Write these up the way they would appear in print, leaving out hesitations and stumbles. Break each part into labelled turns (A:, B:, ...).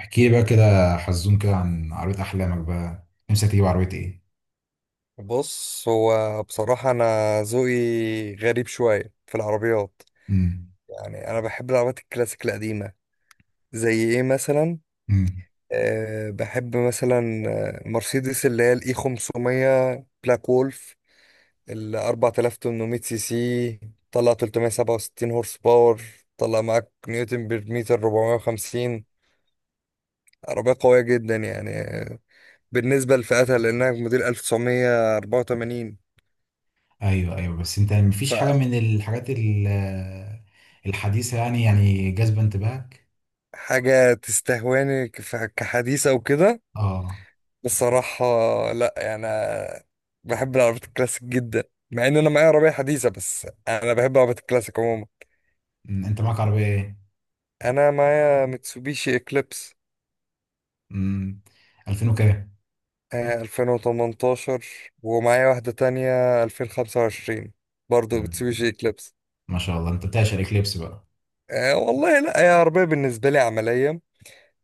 A: احكي لي بقى كده حزون كده عن عربية أحلامك بقى، نفسك تجيب عربية إيه؟
B: بص، هو بصراحة أنا ذوقي غريب شوية في العربيات.
A: امم.
B: يعني أنا بحب العربيات الكلاسيك القديمة. زي إيه مثلا؟
A: امم.
B: أه بحب مثلا، مرسيدس اللي هي الإي 500 بلاك وولف، ال 4800 سي سي. طلع 367 هورس باور، طلع معاك نيوتن بير متر 450. عربية قوية جدا يعني، بالنسبة لفئتها لأنها موديل 1984.
A: أيوه، أيوه، بس أنت مفيش حاجة من الحاجات الحديثة يعني جاذبة انتباهك؟
B: حاجة تستهواني كحديثة وكده
A: أه.
B: بصراحة. لا يعني أنا بحب العربيات الكلاسيك جدا، مع ان انا معايا عربية حديثة بس انا بحب العربيات الكلاسيك عموما.
A: أنت معاك عربية إيه؟
B: انا معايا ميتسوبيشي اكليبس.
A: امم. 2000 وكام؟
B: 2018، ومعايا واحدة تانية 2025 برضو
A: أمم،
B: ميتسوبيشي اكليبس.
A: ما شاء الله أنت بتعشق الإكليبس بقى.
B: أه والله، لا هي عربية بالنسبة لي عملية.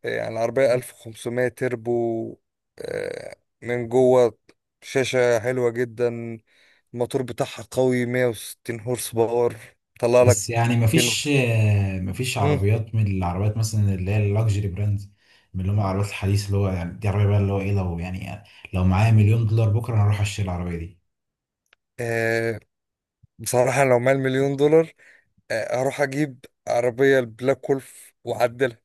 B: يعني عربية 1500 تربو. آه، من جوه شاشة حلوة جدا. الموتور بتاعها قوي 160 هورس باور، طلع لك
A: بس يعني
B: كيلو.
A: مفيش مفيش
B: مم.
A: عربيات من العربيات مثلا اللي هي اللكجري براندز، من اللي هم العربيات الحديثة اللي هو يعني دي عربية بقى اللي هو إيه، لو يعني لو معايا مليون دولار بكرة أنا هروح أشتري العربية دي.
B: آه بصراحة، لو معايا المليون دولار آه اروح اجيب عربية البلاك وولف واعدلها.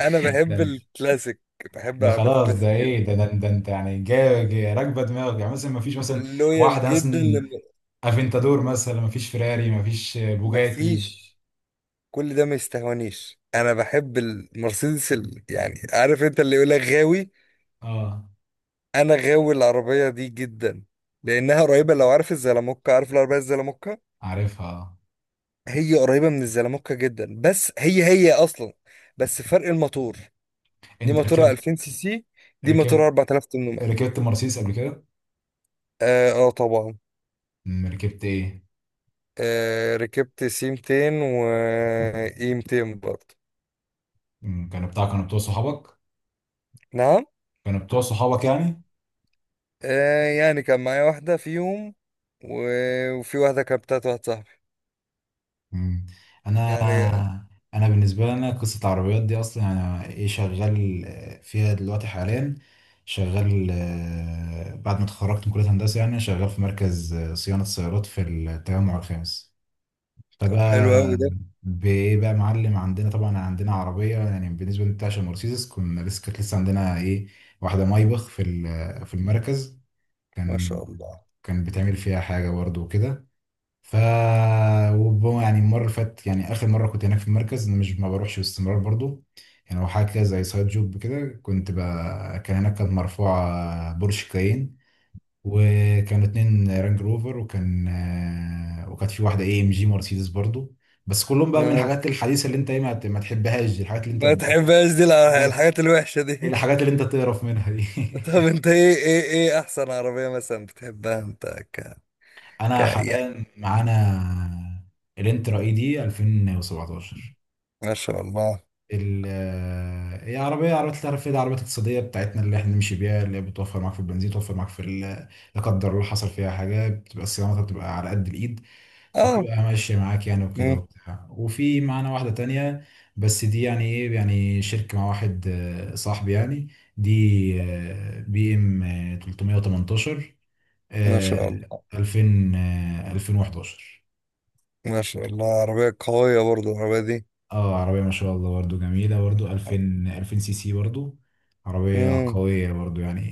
B: انا بحب
A: ده
B: الكلاسيك، بحب
A: ده
B: العربيات
A: خلاص، ده
B: الكلاسيك جدا.
A: ايه ده، ده انت يعني راكبه دماغك، يعني مثلا ما فيش مثلا
B: لويال
A: واحده،
B: جدا
A: مثلا
B: لما
A: افنتادور، مثلا ما فيش فيراري، ما فيش بوجاتي.
B: مفيش. كل ده ما يستهونيش، انا بحب المرسيدس. يعني عارف انت، اللي يقول لك غاوي،
A: اه،
B: انا غاوي العربية دي جدا، لانها قريبة. لو عارف الزلموكة، عارف العربية الزلموكة؟
A: عارفها آه.
B: هي قريبة من الزلموكة جدا، بس هي أصلا، بس فرق الموتور. دي
A: انت
B: موتورها
A: ركبت،
B: 2000 سي سي، دي موتورها
A: ركبت
B: 4800.
A: ركبت مرسيدس قبل كده؟
B: آه, آه طبعا.
A: ركبت ايه؟
B: آه ركبت سي 200 و إي 200 برضه.
A: كانوا بتوع صحابك؟
B: نعم.
A: كانوا بتوع صحابك يعني؟
B: آه يعني كان معايا واحدة فيهم، وفي واحدة كانت بتاعت واحد صاحبي
A: مم. انا
B: يعني.
A: انا بالنسبه لي، انا قصه العربيات دي اصلا انا ايه شغال فيها دلوقتي حاليا. شغال، بعد ما اتخرجت من كليه هندسه يعني شغال في مركز صيانه سيارات في التجمع الخامس.
B: طب حلو
A: فبقى
B: أوي ده.
A: بايه بقى معلم، عندنا طبعا عندنا عربيه يعني بالنسبه للتاشا مرسيدس، كنا لسه كانت لسه عندنا ايه واحده مايبخ في المركز.
B: ما
A: كان
B: شاء الله.
A: كان بتعمل فيها حاجه برضه وكده، ف يعني المره اللي فاتت، يعني اخر مره كنت هناك في المركز، انا مش ما بروحش باستمرار برضو، يعني هو حاجه كده زي سايد جوب كده كان هناك كانت مرفوعه بورش كاين، وكانوا اتنين رانج روفر، وكانت في واحده اي ام جي مرسيدس برضو، بس كلهم بقى من
B: ما
A: الحاجات الحديثه اللي انت ايه ما تحبهاش دي، الحاجات اللي انت
B: ما تحبهاش دي،
A: الحاجات
B: الحاجات الوحشة دي
A: الحاجات اللي انت تقرف منها دي.
B: طب انت، ايه احسن عربية مثلا بتحبها انت؟ ك...
A: انا حاليا معانا الانترا اي دي 2017،
B: ما شاء الله.
A: ال آه، هي عربية التعرف دي، عربيات اقتصادية بتاعتنا اللي احنا نمشي بيها، اللي هي بتوفر معاك في البنزين، توفر معاك لا قدر الله حصل فيها حاجة بتبقى صيانتها بتبقى على قد الإيد،
B: اه.
A: فبتبقى ماشية معاك يعني وكده
B: مم.
A: وبتاع. وفي معانا واحدة تانية، بس دي يعني ايه يعني شركة مع واحد صاحبي يعني، دي بي ام 318،
B: ما
A: آه،
B: شاء الله.
A: 2000، 2011.
B: ما شاء الله، عربية قوية برضو العربية دي.
A: اه، عربية ما شاء الله برضو، جميلة برضو، 2000، 2000 سي سي برضو، عربية
B: مم.
A: قوية برضو يعني.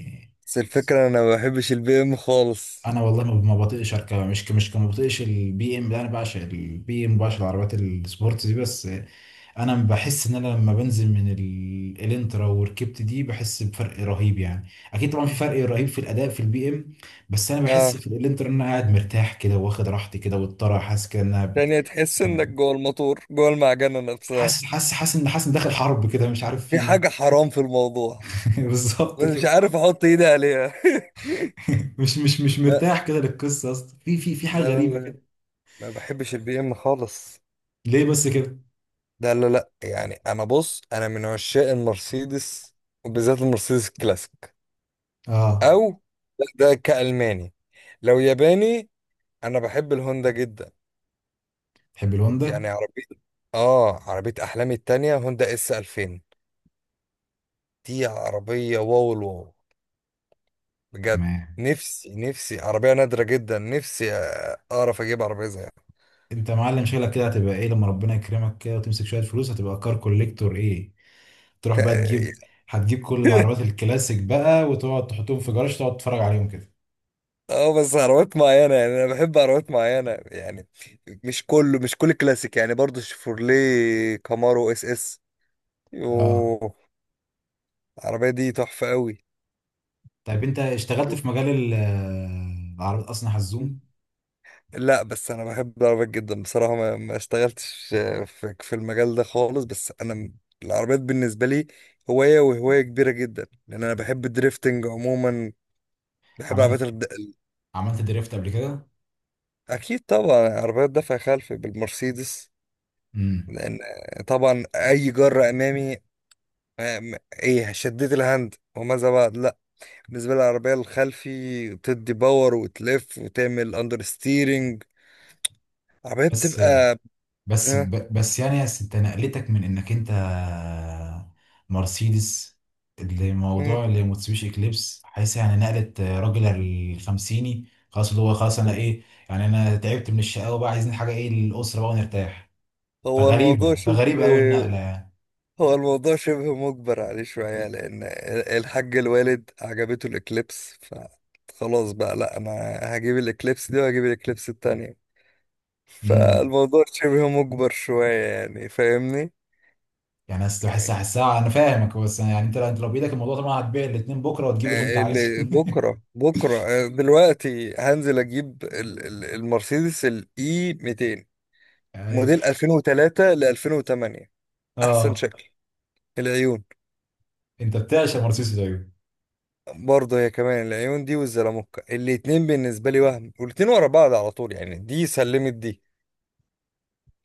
B: بس الفكرة، انا ما بحبش البي ام خالص.
A: انا والله ما بطيقش اركبها، مش ك- مش ك- ما بطيقش البي ام ده، انا بعشق البي ام، بعشق العربيات السبورت دي. بس انا بحس ان انا لما بنزل من الانترا وركبت دي بحس بفرق رهيب يعني، اكيد طبعا في فرق رهيب في الاداء في البي ام. بس انا
B: اه،
A: بحس في الانترا ان انا قاعد مرتاح كده واخد راحتي كده، والطرح حاسس كده
B: يعني تحس
A: اسمها
B: انك
A: كده.
B: جوه الموتور، جوه المعجنة نفسها.
A: حاسس ان داخل حرب كده، مش عارف
B: في
A: في.
B: حاجة حرام في الموضوع،
A: بالظبط
B: بس مش
A: كده.
B: عارف احط ايدي عليها
A: مش
B: لا،
A: مرتاح كده للقصه اصلا، في حاجه
B: لا
A: غريبه
B: لا لا.
A: كده.
B: ما بحبش البي ام خالص.
A: ليه بس كده؟
B: لا لا لا، يعني انا، بص انا من عشاق المرسيدس، وبالذات المرسيدس الكلاسيك.
A: اه،
B: او لا، ده كالماني. لو ياباني، انا بحب الهوندا جدا.
A: تحب الهوندا.
B: يعني عربيه، اه عربيه احلامي التانية هوندا اس 2000. دي عربيه واو الواو بجد.
A: تمام.
B: نفسي عربيه نادره جدا، نفسي اعرف اجيب عربيه زيها.
A: انت يا معلم شغلك كده هتبقى ايه لما ربنا يكرمك كده وتمسك شويه فلوس؟ هتبقى كار كوليكتور ايه، تروح بقى تجيب، هتجيب كل العربيات الكلاسيك بقى وتقعد تحطهم في جراج تقعد تتفرج عليهم كده.
B: اه بس عربيات معينه، يعني انا بحب عربيات معينه يعني، مش كله، مش كل كلاسيك يعني، برضو شيفروليه كامارو اس اس.
A: اه،
B: يوه، العربيه دي تحفه قوي.
A: طيب انت اشتغلت في مجال العربيات اصلا حزوم؟
B: لا بس انا بحب العربيات جدا بصراحه، ما اشتغلتش في المجال ده خالص. بس انا العربيات بالنسبه لي هوايه، وهوايه كبيره جدا، لان انا بحب الدريفتنج عموما. بحب
A: عملت
B: العربيات
A: عملت دريفت قبل كده؟
B: اكيد طبعا عربيات دفع خلفي بالمرسيدس.
A: امم
B: لان طبعا اي جره امامي. آه، م- ايه، شديت الهاند وماذا بعد، لا. بالنسبه لي العربيه الخلفي بتدي باور وتلف وتعمل اندر ستيرنج، عربيه
A: بس
B: بتبقى
A: بس
B: آه،
A: ب... بس يعني يا ست، نقلتك من انك انت مرسيدس لموضوع لموتسوبيشي اكليبس، حيث يعني نقلت راجل الخمسيني خلاص، اللي هو خلاص
B: مم.
A: انا ايه، يعني انا تعبت من الشقاوة بقى، عايزين حاجة ايه للأسرة بقى ونرتاح.
B: هو الموضوع
A: فغريبة
B: شبه
A: فغريبة قوي النقلة يعني.
B: هو الموضوع شبه مجبر عليه شوية، لأن الحاج الوالد عجبته الإكليبس فخلاص بقى، لأ أنا هجيب الإكليبس دي وهجيب الإكليبس التانية.
A: امم
B: فالموضوع شبه مجبر شوية يعني، فاهمني؟
A: يعني أصل حسها، انا فاهمك، بس يعني انت لو بايدك الموضوع طبعا هتبيع الاتنين بكرة وتجيب اللي انت عايزه.
B: اللي بكرة بكرة، دلوقتي هنزل أجيب المرسيدس الإي 200
A: يعني.
B: موديل 2003 ل 2008، أحسن
A: اه،
B: شكل، العيون.
A: انت بتعشق مرسيدس طيب.
B: برضه هي كمان، العيون دي والزلموكة، الاتنين بالنسبة لي، وهم والاتنين ورا بعض على طول يعني. دي سلمت دي،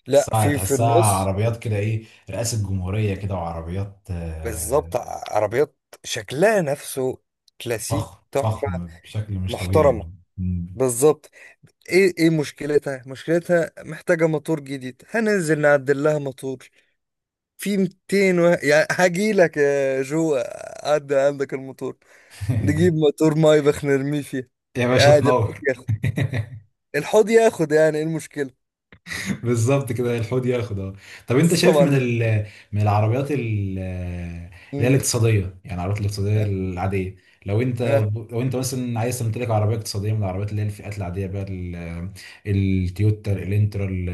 B: لا،
A: تحسها
B: في
A: تحسها
B: النص.
A: عربيات كده ايه، رئاسة جمهورية كده، وعربيات
B: بالظبط. عربيات شكلها نفسه، كلاسيك
A: فخم
B: تحفة
A: فخم بشكل مش طبيعي.
B: محترمة.
A: مم.
B: بالظبط. ايه ايه مشكلتها، مشكلتها محتاجة موتور جديد، هننزل نعدل لها موتور في 200 و... يعني هجيلك يا جو، عدل عندك الموتور، نجيب موتور مايبخ نرميه فيه.
A: يا باشا
B: عادي، الحوض
A: تنور.
B: ياخد، الحوض ياخد، يعني ايه المشكلة؟
A: بالظبط كده، الحوض ياخد اه. طب انت
B: بس
A: شايف من
B: طبعا.
A: من العربيات اللي هي
B: امم.
A: الاقتصاديه، يعني العربيات الاقتصاديه
B: اه.
A: العاديه، لو انت
B: اه.
A: لو انت مثلا عايز تمتلك عربيه اقتصاديه من العربيات اللي هي الفئات العاديه بقى التويوتا، الانترا،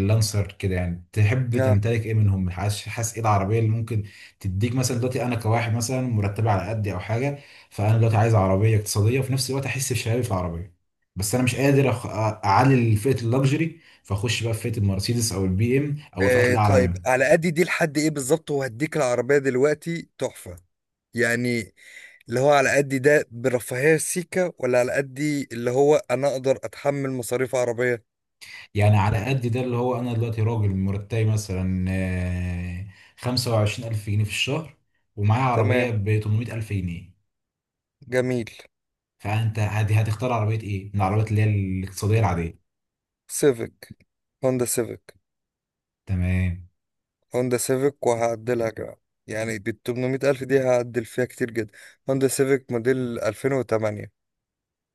A: اللانسر كده، يعني تحب
B: اه.
A: تمتلك ايه منهم؟ حاسس ايه العربيه اللي ممكن تديك مثلا دلوقتي؟ انا كواحد مثلا مرتب على قدي او حاجه، فانا دلوقتي عايز عربيه اقتصاديه وفي نفس الوقت احس بشبابي في العربيه، بس انا مش قادر اعلي فئه اللوكسجري، فاخش بقى في فئه المرسيدس او البي ام او الفئات الاعلى
B: طيب
A: منه.
B: على قد دي لحد ايه بالظبط؟ وهديك العربية دلوقتي تحفة، يعني اللي هو على قد ده برفاهية سيكا، ولا على قد دي اللي هو انا اقدر اتحمل مصاريف عربية؟
A: يعني على قد ده اللي هو انا دلوقتي راجل مرتبي مثلا 25000 جنيه في الشهر، ومعايا
B: تمام،
A: عربيه ب 800000 جنيه،
B: جميل.
A: فانت هتختار عربيه ايه من العربيات اللي هي الاقتصاديه العاديه؟
B: سيفيك، هوندا سيفيك.
A: تمام.
B: هوندا سيفيك، وهعدلها كمان، يعني بال 800 ألف دي هعدل فيها كتير جدا. هوندا سيفيك موديل 2008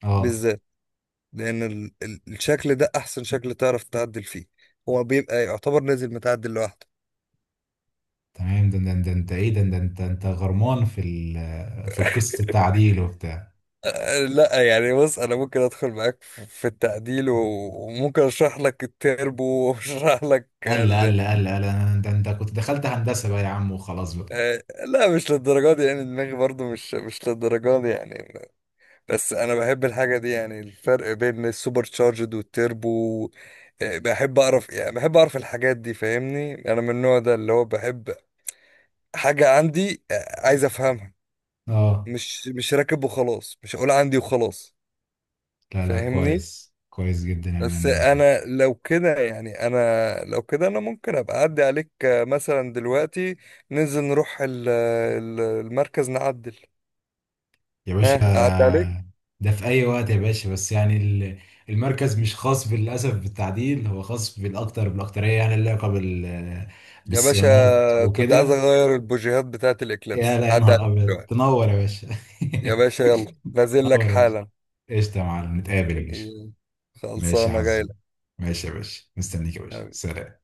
A: اه،
B: بالذات، لأن الشكل ده أحسن شكل تعرف تعدل فيه، هو بيبقى يعتبر نازل متعدل لوحده.
A: تمام. ده انت ايه، ده انت غرمان في في القسط التعديل وبتاع؟
B: أه، لا يعني بص، أنا ممكن أدخل معاك في التعديل، وممكن أشرح لك التربو وأشرح لك
A: قال لا قال لا قال لا قال لا، ده انت كنت دخلت هندسه بقى يا عم وخلاص بقى.
B: أه، لا مش للدرجة دي، يعني دماغي برضو مش للدرجة دي يعني. بس أنا بحب الحاجة دي، يعني الفرق بين السوبر تشارجد والتربو. أه، بحب أعرف، يعني بحب أعرف الحاجات دي، فاهمني؟ أنا من النوع ده اللي هو بحب حاجة عندي، أه، عايز أفهمها،
A: اه،
B: مش راكب وخلاص، مش هقول عندي وخلاص،
A: لا لا،
B: فاهمني؟
A: كويس كويس جدا يعني
B: بس
A: انا.
B: انا لو كده، يعني انا لو كده، انا ممكن ابقى اعدي عليك، مثلا دلوقتي ننزل نروح المركز نعدل.
A: يا باشا،
B: ها، اعدي عليك.
A: ده في أي وقت يا باشا، بس يعني المركز مش خاص بالأسف بالتعديل، هو خاص بالأكترية يعني، اللي علاقة
B: يا باشا،
A: بالصيانات
B: كنت عايز
A: وكده.
B: اغير البوجيهات بتاعت
A: يا،
B: الاكليبس،
A: لا يا
B: هعدي
A: نهار
B: عليك
A: أبيض،
B: دلوقتي.
A: تنور يا باشا.
B: يا باشا يلا، نازل لك
A: تنور يا باشا.
B: حالا.
A: قشطة يا معلم، نتقابل يا باشا.
B: إيه،
A: ماشي يا
B: خلصانه جاي
A: حظ. ماشي يا باشا، مستنيك يا باشا،
B: لك.
A: سلام.